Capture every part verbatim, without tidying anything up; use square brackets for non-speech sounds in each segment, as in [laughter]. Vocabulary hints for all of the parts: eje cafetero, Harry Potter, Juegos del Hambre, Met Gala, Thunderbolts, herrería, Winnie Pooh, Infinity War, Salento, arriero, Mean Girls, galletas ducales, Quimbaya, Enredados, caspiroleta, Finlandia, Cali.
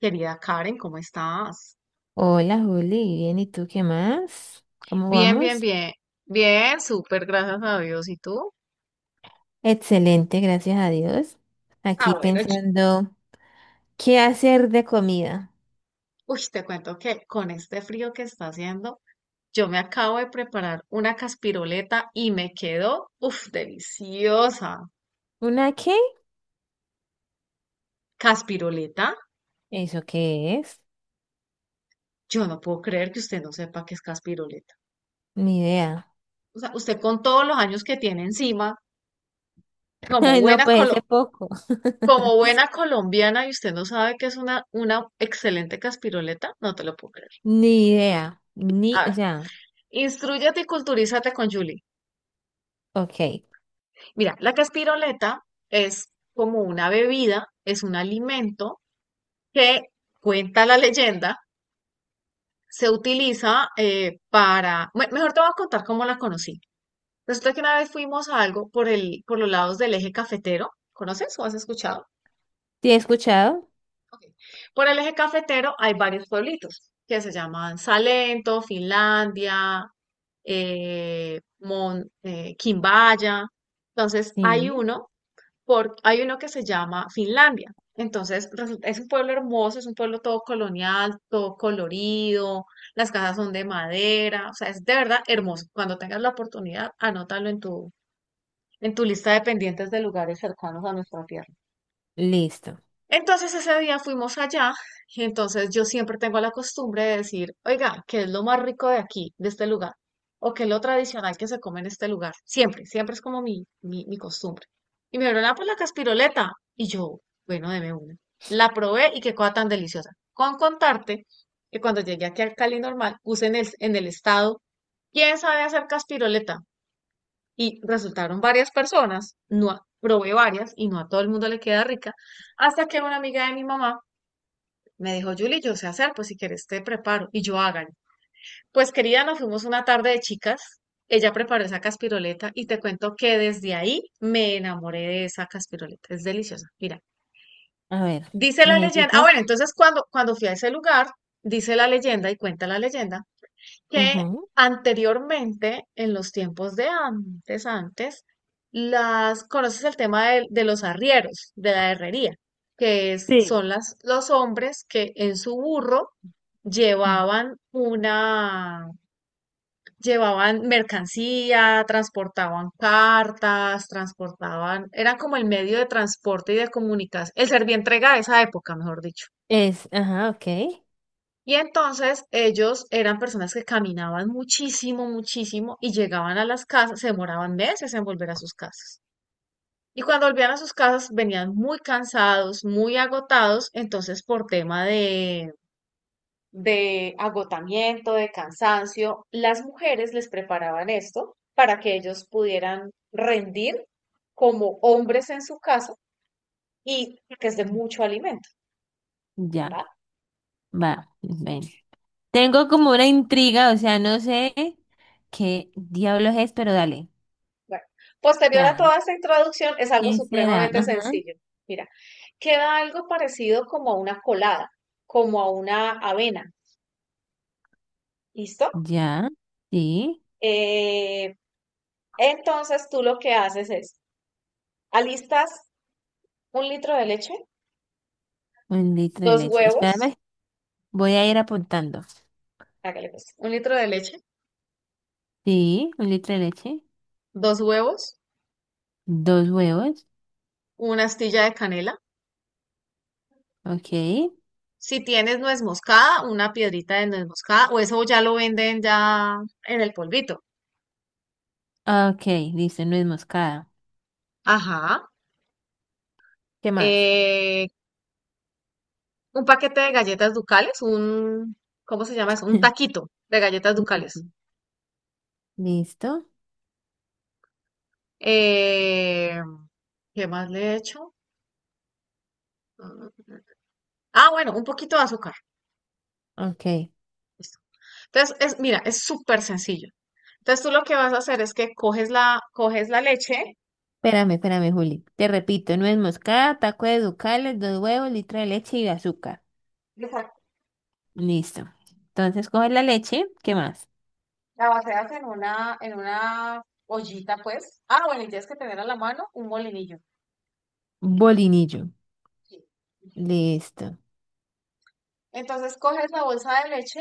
Querida Karen, ¿cómo estás? Hola Juli, bien, ¿y tú qué más? ¿Cómo Bien, bien, vamos? bien. Bien, súper, gracias a Dios. ¿Y tú? Excelente, gracias a Dios. Ah, Aquí bueno, yo- pensando, ¿qué hacer de comida? uy, te cuento que con este frío que está haciendo, yo me acabo de preparar una caspiroleta y me quedó, uff, deliciosa. ¿Una qué? ¿Caspiroleta? ¿Eso qué es? Yo no puedo creer que usted no sepa qué es caspiroleta. Ni idea. O sea, usted con todos los años que tiene encima, [laughs] como Ay, no, buena pues ese colo- poco. [laughs] como buena colombiana, y usted no sabe que es una, una excelente caspiroleta, no te lo puedo Ni idea. Ni, o creer. sea, Instrúyete y culturízate con Julie. ok. Mira, la caspiroleta es como una bebida, es un alimento que, cuenta la leyenda, se utiliza eh, para... me- mejor te voy a contar cómo la conocí. Resulta que una vez fuimos a algo por el, por los lados del eje cafetero. ¿Conoces o has escuchado? ¿Te he escuchado? Ok. Por el eje cafetero hay varios pueblitos que se llaman Salento, Finlandia, eh, Mon- eh, Quimbaya. Entonces, hay Sí. uno por- hay uno que se llama Finlandia. Entonces, resulta- es un pueblo hermoso, es un pueblo todo colonial, todo colorido, las casas son de madera, o sea, es de verdad hermoso. Cuando tengas la oportunidad, anótalo en tu, en tu lista de pendientes de lugares cercanos a nuestra tierra. Listo. Entonces ese día fuimos allá y entonces yo siempre tengo la costumbre de decir, oiga, ¿qué es lo más rico de aquí, de este lugar? ¿O qué es lo tradicional que se come en este lugar? Siempre, siempre es como mi, mi, mi costumbre. Y me dieron, ah, pues la caspiroleta. Y yo, bueno, deme una. La probé y qué cosa tan deliciosa. Con contarte que cuando llegué aquí al Cali normal, puse en el, en el estado, ¿quién sabe hacer caspiroleta? Y resultaron varias personas, no a- probé varias y no a todo el mundo le queda rica, hasta que una amiga de mi mamá me dijo, Julie, yo sé hacer, pues si quieres te preparo y yo hagan. Pues querida, nos fuimos una tarde de chicas, ella preparó esa caspiroleta y te cuento que desde ahí me enamoré de esa caspiroleta, es deliciosa, mira. A ver, Dice la leyenda, ah bueno, necesito. entonces cuando, cuando fui a ese lugar, dice la leyenda y cuenta la leyenda que Ujú. anteriormente, en los tiempos de antes, antes, las, conoces el tema de, de los arrieros, de la herrería, que es, Sí. son las, los hombres que en su burro llevaban una, llevaban mercancía, transportaban cartas, transportaban, era como el medio de transporte y de comunicación, el entrega de esa época, mejor dicho. Es, ajá, ok. Y entonces ellos eran personas que caminaban muchísimo, muchísimo y llegaban a las casas, se demoraban meses en volver a sus casas. Y cuando volvían a sus casas venían muy cansados, muy agotados, entonces por tema de, de agotamiento, de cansancio, las mujeres les preparaban esto para que ellos pudieran rendir como hombres en su casa y que es de mucho alimento, ¿va? Ya, va. Ven. Tengo como una intriga, o sea, no sé qué diablos es, pero dale. Bueno, posterior a Ya. toda esta introducción es algo ¿Quién será? supremamente Ajá. sencillo. Mira, queda algo parecido como a una colada, como a una avena, ¿listo? Ya. Sí. Eh, entonces tú lo que haces es, alistas un litro de leche, Un litro de dos leche. huevos, Espérame. Voy a ir apuntando. hágale pues, un litro de leche, Sí, un litro de leche. dos huevos, Dos huevos. una astilla de canela. Ok. Si tienes nuez moscada, una piedrita de nuez moscada, o eso ya lo venden ya en el polvito. Ok, listo, no es moscada. Ajá. ¿Qué más? Eh, un paquete de galletas ducales, un, ¿cómo se llama eso? Un [laughs] taquito de galletas Listo. ducales. Listo. Eh, ¿qué más le he hecho? Mm, Ah, bueno, un poquito de azúcar. Ok. Listo. Entonces, es, mira, es súper sencillo. Entonces, tú lo que vas a hacer es que coges la, coges la leche, Espérame, espérame, Juli. Te repito, nuez moscada, taco de ducales, dos huevos, litro de leche y azúcar. Listo. Entonces coges la leche. ¿Qué más? la vacías en una, en una ollita, pues. Ah, bueno, y tienes que tener a la mano un molinillo. Bolinillo. Sí. Ujú. Listo. Entonces, coges la bolsa de leche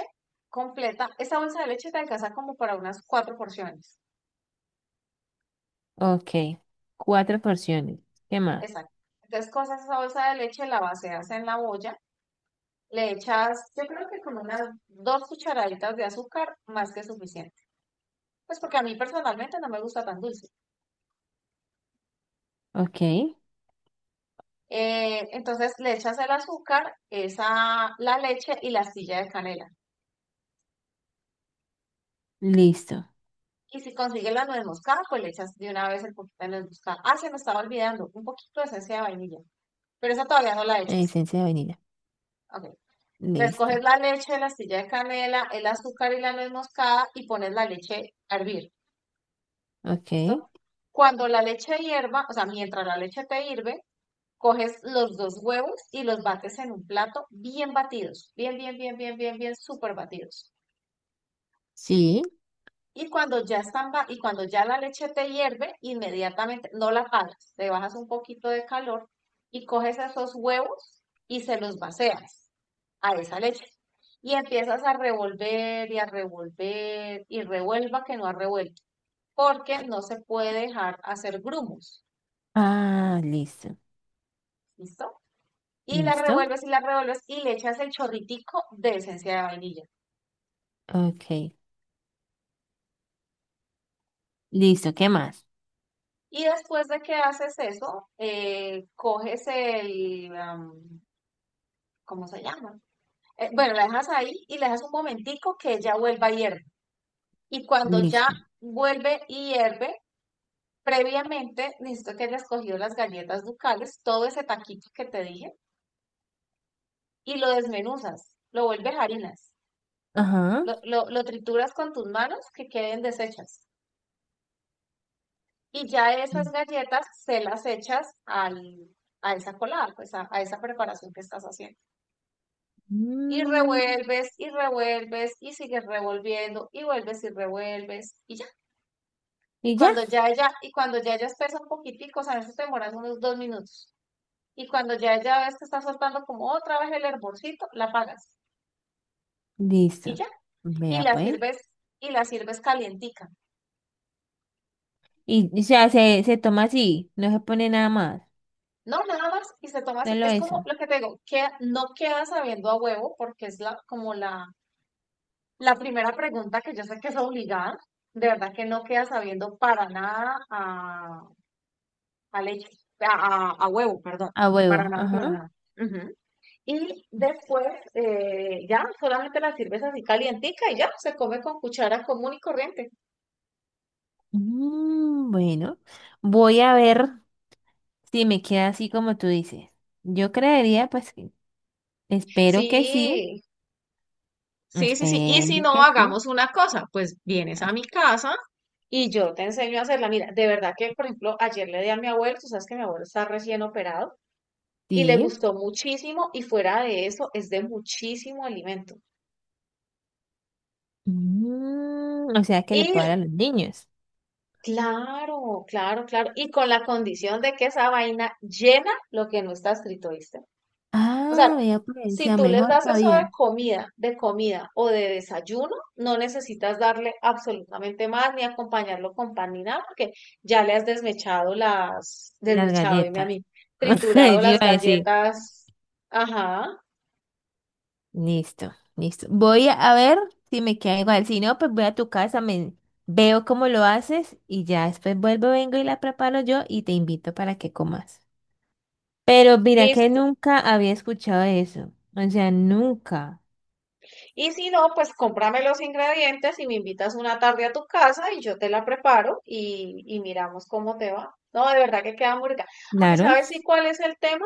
completa. Esta bolsa de leche te alcanza como para unas cuatro porciones. Ok. Cuatro porciones. ¿Qué más? Exacto. Entonces, con esa salsa de leche la baseas en la olla, le echas, yo creo que con unas dos cucharaditas de azúcar, más que suficiente. Pues porque a mí personalmente no me gusta tan dulce. Ok. Eh, entonces, le echas el azúcar, esa, la leche y la astilla de canela. Listo. Y si consigues la nuez moscada, pues le echas de una vez el poquito de nuez moscada. Ah, se me estaba olvidando, un poquito de esencia de vainilla, pero esa todavía no la echas. Esencia de vainilla. Ok. Entonces, coges Listo. la leche, la astilla de canela, el azúcar y la nuez moscada y pones la leche a hervir. Ok. ¿Listo? Cuando la leche hierva, o sea, mientras la leche te hierve coges los dos huevos y los bates en un plato bien batidos, bien, bien, bien, bien, bien, bien, súper batidos. Sí. Y cuando ya están y cuando ya la leche te hierve, inmediatamente no la paras, le bajas un poquito de calor y coges esos huevos y se los vacías a esa leche. Y empiezas a revolver y a revolver y revuelva que no ha revuelto, porque no se puede dejar hacer grumos, Ah, listo. ¿listo? Y la Listo. revuelves y la revuelves y le echas el chorritico de esencia de vainilla. Ok. Listo. ¿Qué más? Y después de que haces eso, eh, coges el, am, ¿cómo se llama? Eh, bueno, la dejas ahí y le dejas un momentico que ella vuelva a hierve. Y cuando ya Listo. vuelve y hierve, previamente necesito que hayas cogido las galletas ducales, todo ese taquito que te dije, y lo desmenuzas, lo vuelves harinas, Ajá. lo, lo, lo trituras con tus manos que queden deshechas. Y ya esas galletas se las echas al, a esa colada, pues a, a esa preparación que estás haciendo. Y Mm. revuelves y revuelves y sigues revolviendo y vuelves y revuelves y ya. Y Y ya. cuando ya ella, y cuando ya ella espesa un poquitico, o sea, eso te demoras unos dos minutos. Y cuando ya ella ves que está soltando como otra vez el hervorcito, la apagas y Listo. ya. Y Vea la pues. sirves, y la sirves calientica. Y, o sea, se, se toma así. No se pone nada más. No, nada más y se toma así. Solo Es eso. como lo que te digo, que no queda sabiendo a huevo porque es la, como la, La primera pregunta que yo sé que es obligada, de verdad que no queda sabiendo para nada a, a leche, a, a- a huevo, perdón, A para huevo. nada, para Ajá. nada. Ujú. Y después eh, ya solamente la sirves así calientica y ya se come con cuchara común y corriente. Mm, bueno. Voy a ver. Sí, me queda así como tú dices. Yo creería, pues, que espero que sí, Sí, sí, sí, sí. Y si espero no, que sí. hagamos una cosa, pues vienes a Ah, mi casa y yo te enseño a hacerla. Mira, de verdad que, por ejemplo, ayer le di a mi abuelo, tú sabes que mi abuelo está recién operado. Y le sí. gustó muchísimo y fuera de eso es de muchísimo alimento. Mm, o sea que le puedo dar Y a los niños. claro, claro, claro, y con la condición de que esa vaina llena lo que no está escrito, ¿viste? O sea, Ah, vea, pues, o si sea tú les mejor das eso todavía. de comida, de comida o de desayuno, no necesitas darle absolutamente más ni acompañarlo con pan ni nada, porque ya le has desmechado las, Las desmechado, dime a galletas. mí, [laughs] Yo triturado iba las a decir. galletas, ajá, Listo, listo. Voy a ver si me queda igual. Si no, pues voy a tu casa, me veo cómo lo haces y ya después vuelvo, vengo y la preparo yo y te invito para que comas. Pero mira que listo. nunca había escuchado eso. O sea, nunca. Y si no, pues cómprame los ingredientes y me invitas una tarde a tu casa y yo te la preparo y, y miramos cómo te va. No, de verdad que queda muy rica. Aunque Claro. sabes sí cuál es el tema,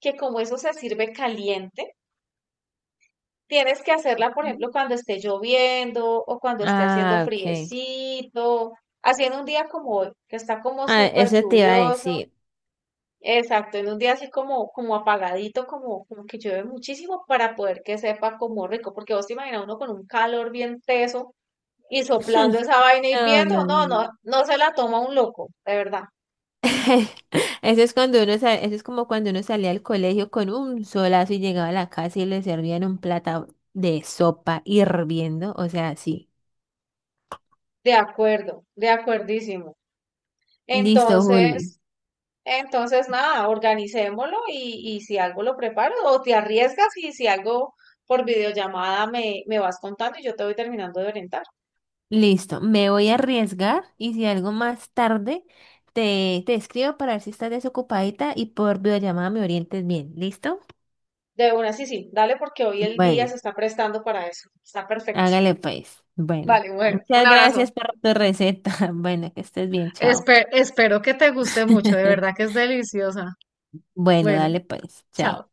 que como eso se sirve caliente, tienes que hacerla, por ejemplo, cuando esté lloviendo o cuando esté haciendo Ah, ok. friecito, haciendo un día como hoy, que está como Ah, súper eso te iba a lluvioso. decir. Exacto, en un día así como, como apagadito, como, como que llueve muchísimo para poder que sepa como rico, porque vos te imaginas uno con un calor bien teso y soplando [laughs] esa vaina No, no, hirviendo, no, no, no, no. no se la toma un loco, de verdad. [laughs] Eso es cuando uno sa- eso es como cuando uno salía al colegio con un solazo y llegaba a la casa y le servían un plato de sopa hirviendo. O sea, sí. De acuerdo, de acuerdísimo. Listo, Juli. Entonces, entonces nada, organicémoslo y, y si algo lo preparo, o te arriesgas y si algo por videollamada me, me vas contando y yo te voy terminando de orientar. Listo, me voy a arriesgar y si algo más tarde te, te escribo para ver si estás desocupadita y por videollamada me orientes bien. ¿Listo? De una, sí, sí, dale porque hoy el día Bueno, se está prestando para eso. Está perfecto. hágale pues. Bueno, Vale, mujer, un muchas gracias abrazo. por tu receta. [laughs] Bueno, que estés bien, chao. Espe- espero que te guste mucho, de verdad [laughs] que es deliciosa. Bueno, Bueno, dale pues, chao. chao.